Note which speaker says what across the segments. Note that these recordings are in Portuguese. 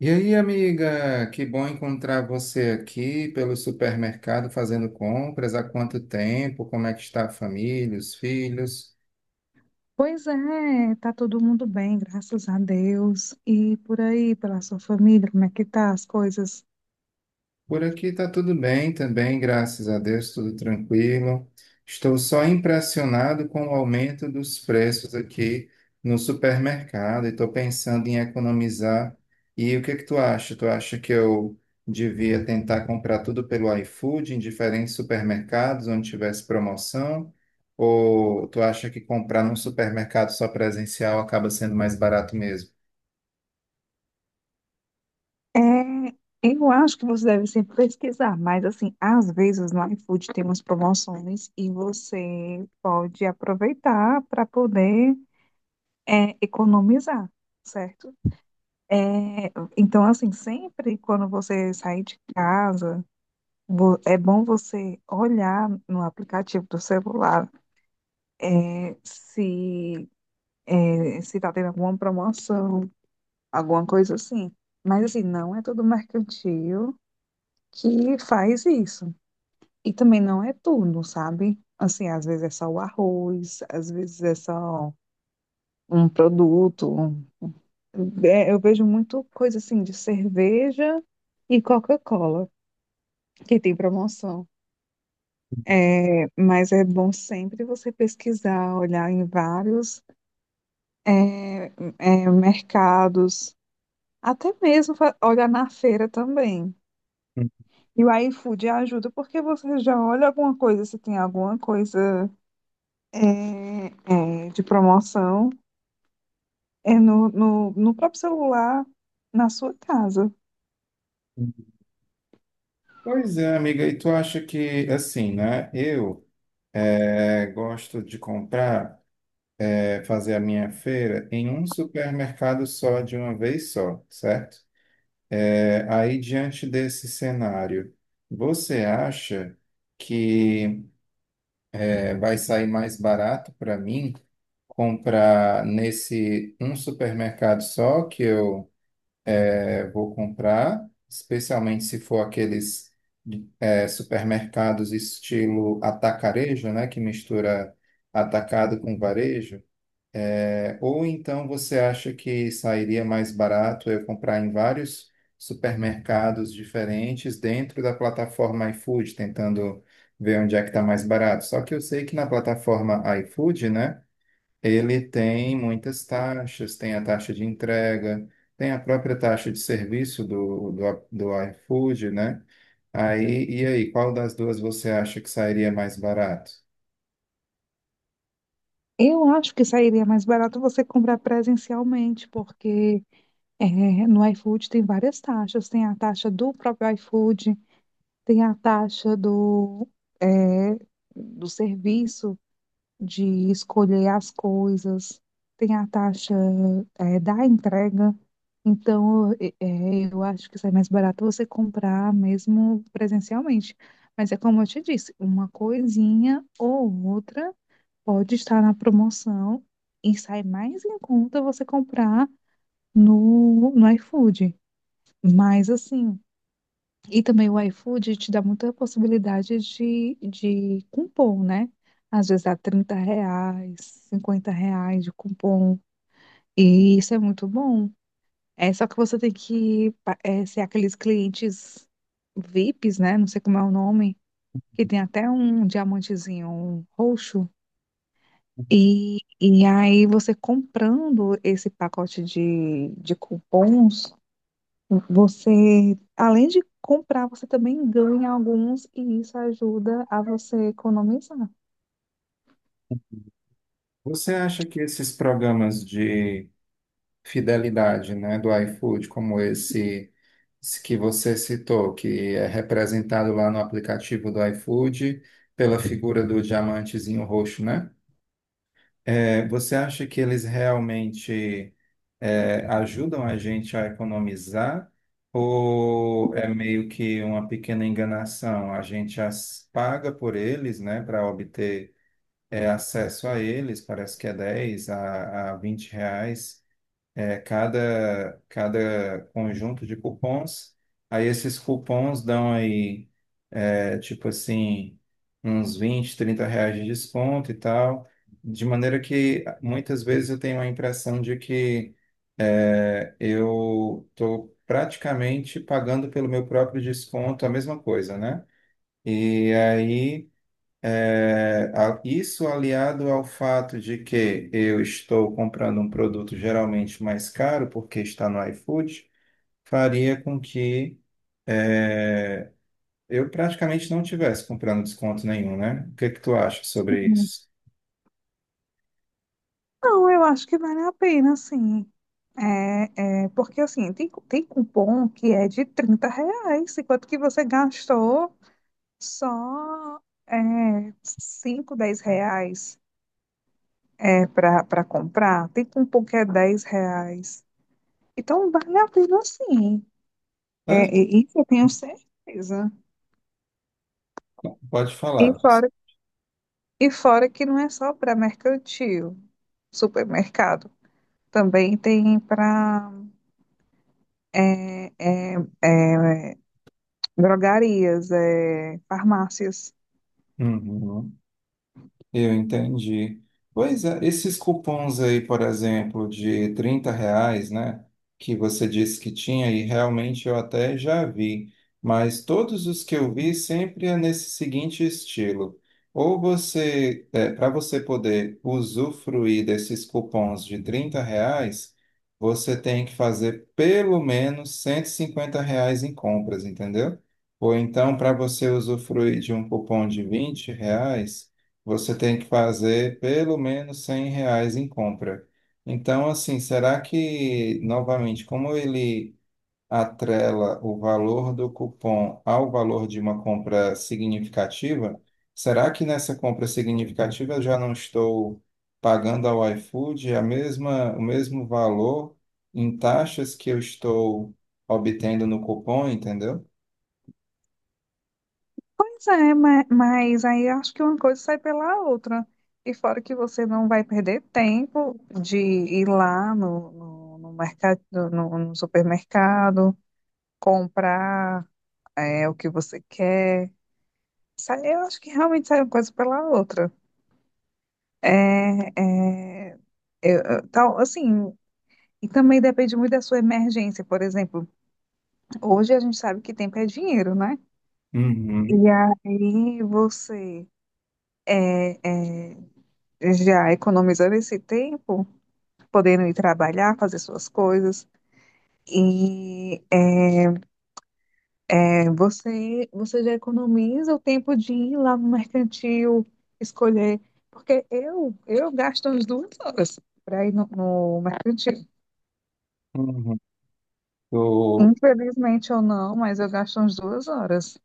Speaker 1: E aí, amiga, que bom encontrar você aqui pelo supermercado fazendo compras. Há quanto tempo? Como é que está a família, os filhos?
Speaker 2: Pois é, tá todo mundo bem, graças a Deus. E por aí, pela sua família, como é que tá as coisas?
Speaker 1: Por aqui está tudo bem também, graças a Deus, tudo tranquilo. Estou só impressionado com o aumento dos preços aqui no supermercado e estou pensando em economizar. E o que é que tu acha? Tu acha que eu devia tentar comprar tudo pelo iFood em diferentes supermercados onde tivesse promoção? Ou tu acha que comprar num supermercado só presencial acaba sendo mais barato mesmo?
Speaker 2: É, eu acho que você deve sempre pesquisar, mas assim, às vezes no iFood tem umas promoções e você pode aproveitar para poder economizar, certo? É, então, assim, sempre quando você sair de casa, é bom você olhar no aplicativo do celular, né, se tá tendo alguma promoção, alguma coisa assim. Mas assim, não é todo mercantil que faz isso. E também não é tudo, sabe? Assim, às vezes é só o arroz, às vezes é só um produto. Eu vejo muito coisa assim de cerveja e Coca-Cola, que tem promoção. Mas é bom sempre você pesquisar, olhar em vários é, mercados. Até mesmo olhar na feira também. E o iFood ajuda porque você já olha alguma coisa, se tem alguma coisa é, de promoção, no próprio celular, na sua casa.
Speaker 1: Pois é, amiga, e tu acha que, assim, né? Eu gosto de comprar, fazer a minha feira em um supermercado só, de uma vez só, certo? Aí, diante desse cenário, você acha que vai sair mais barato para mim comprar nesse um supermercado só que eu vou comprar, especialmente se for aqueles supermercados estilo atacarejo, né, que mistura atacado com varejo? Ou então você acha que sairia mais barato eu comprar em vários supermercados diferentes dentro da plataforma iFood, tentando ver onde é que está mais barato. Só que eu sei que na plataforma iFood, né, ele tem muitas taxas, tem a taxa de entrega, tem a própria taxa de serviço do iFood, né? Aí, e aí, qual das duas você acha que sairia mais barato?
Speaker 2: Eu acho que sairia mais barato você comprar presencialmente, porque é, no iFood tem várias taxas. Tem a taxa do próprio iFood, tem a taxa é, do serviço de escolher as coisas, tem a taxa da entrega. Então, eu acho que sai mais barato você comprar mesmo presencialmente. Mas é como eu te disse, uma coisinha ou outra pode estar na promoção e sai mais em conta você comprar no iFood. Mas, assim, e também o iFood te dá muita possibilidade de cupom, né? Às vezes dá R$ 30, R$ 50 de cupom. E isso é muito bom. É só que você tem que ser aqueles clientes VIPs, né? Não sei como é o nome, que tem até um diamantezinho um roxo. E aí você comprando esse pacote de cupons. Você, além de comprar, você também ganha alguns e isso ajuda a você economizar.
Speaker 1: Você acha que esses programas de fidelidade, né, do iFood, como esse que você citou, que é representado lá no aplicativo do iFood pela figura do diamantezinho roxo, né? Você acha que eles realmente ajudam a gente a economizar ou é meio que uma pequena enganação? A gente as paga por eles, né, para obter acesso a eles, parece que é 10 a R$ 20 cada conjunto de cupons. Aí esses cupons dão aí tipo assim, uns 20 R$ 30 de desconto e tal. De maneira que muitas vezes eu tenho a impressão de que eu estou praticamente pagando pelo meu próprio desconto a mesma coisa, né? E aí, isso aliado ao fato de que eu estou comprando um produto geralmente mais caro, porque está no iFood, faria com que é, eu praticamente não tivesse comprando desconto nenhum, né? O que que tu acha sobre
Speaker 2: Uhum.
Speaker 1: isso?
Speaker 2: Não, eu acho que vale a pena, sim. Porque assim, tem cupom que é de R$ 30, enquanto que você gastou só 5, R$ 10 para comprar, tem cupom que é R$ 10. Então vale a pena sim.
Speaker 1: Mas,
Speaker 2: Isso eu tenho certeza.
Speaker 1: Pode
Speaker 2: E
Speaker 1: falar, Luiz.
Speaker 2: fora E fora que não é só para mercantil, supermercado. Também tem para drogarias, farmácias.
Speaker 1: Uhum. Eu entendi. Pois é, esses cupons aí, por exemplo, de R$ 30, né, que você disse que tinha, e realmente eu até já vi, mas todos os que eu vi sempre é nesse seguinte estilo. Ou você, Para você poder usufruir desses cupons de R$ 30, você tem que fazer pelo menos R$ 150 em compras, entendeu? Ou então, para você usufruir de um cupom de R$ 20, você tem que fazer pelo menos R$ 100 em compra. Então, assim, será que, novamente, como ele atrela o valor do cupom ao valor de uma compra significativa, será que nessa compra significativa eu já não estou pagando ao iFood a mesma, o mesmo valor em taxas que eu estou obtendo no cupom, entendeu?
Speaker 2: Pois é, mas aí acho que uma coisa sai pela outra. E fora que você não vai perder tempo de ir lá no mercado, no supermercado, comprar o que você quer. Eu acho que realmente sai uma coisa pela outra. É, é, eu- eu- tal, assim, E também depende muito da sua emergência. Por exemplo, hoje a gente sabe que tempo é dinheiro, né?
Speaker 1: Uhum,
Speaker 2: E aí você é, é, já economizando esse tempo, podendo ir trabalhar, fazer suas coisas. E você já economiza o tempo de ir lá no mercantil, escolher. Porque eu gasto umas 2 horas para ir no mercantil.
Speaker 1: uhum. Eu-
Speaker 2: Infelizmente ou não, mas eu gasto umas 2 horas.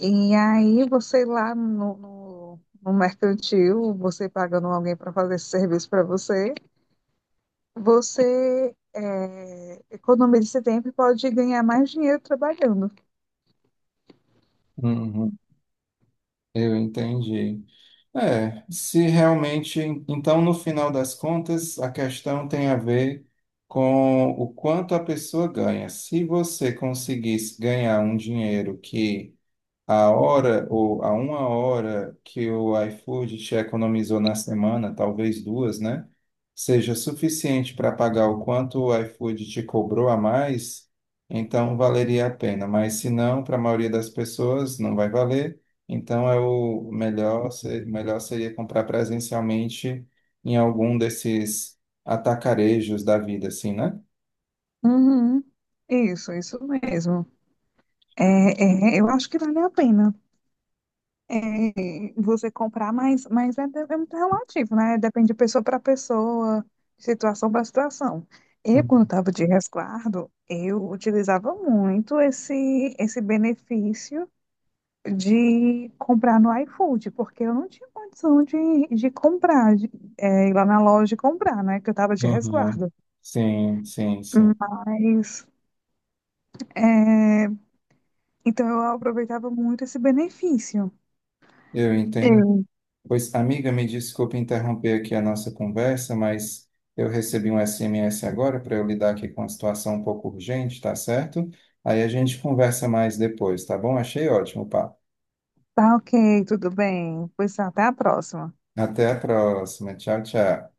Speaker 2: E aí você lá no mercantil, você pagando alguém para fazer esse serviço para você, você economiza esse tempo e pode ganhar mais dinheiro trabalhando.
Speaker 1: uhum, eu entendi. É, se realmente. Então, no final das contas, a questão tem a ver com o quanto a pessoa ganha. Se você conseguisse ganhar um dinheiro que a hora ou a uma hora que o iFood te economizou na semana, talvez duas, né? Seja suficiente para pagar o quanto o iFood te cobrou a mais, então valeria a pena. Mas se não, para a maioria das pessoas não vai valer. Então é o melhor, melhor seria comprar presencialmente em algum desses atacarejos da vida, assim, né?
Speaker 2: Uhum. Isso mesmo. Eu acho que vale a pena. Você comprar, mas é muito relativo, né? Depende de pessoa para pessoa, de situação para situação. Eu, quando estava de resguardo, eu utilizava muito esse benefício de comprar no iFood, porque eu não tinha condição de comprar, de, ir lá na loja e comprar, né? Que eu estava de
Speaker 1: Uhum.
Speaker 2: resguardo.
Speaker 1: Sim, sim, sim.
Speaker 2: Mas, é, então, eu aproveitava muito esse benefício.
Speaker 1: Eu entendo.
Speaker 2: Sim.
Speaker 1: Pois, amiga, me desculpe interromper aqui a nossa conversa, mas eu recebi um SMS agora para eu lidar aqui com uma situação um pouco urgente, tá certo? Aí a gente conversa mais depois, tá bom? Achei ótimo, o papo.
Speaker 2: Tá, ok, tudo bem. Pois tá, até a próxima.
Speaker 1: Até a próxima. Tchau, tchau.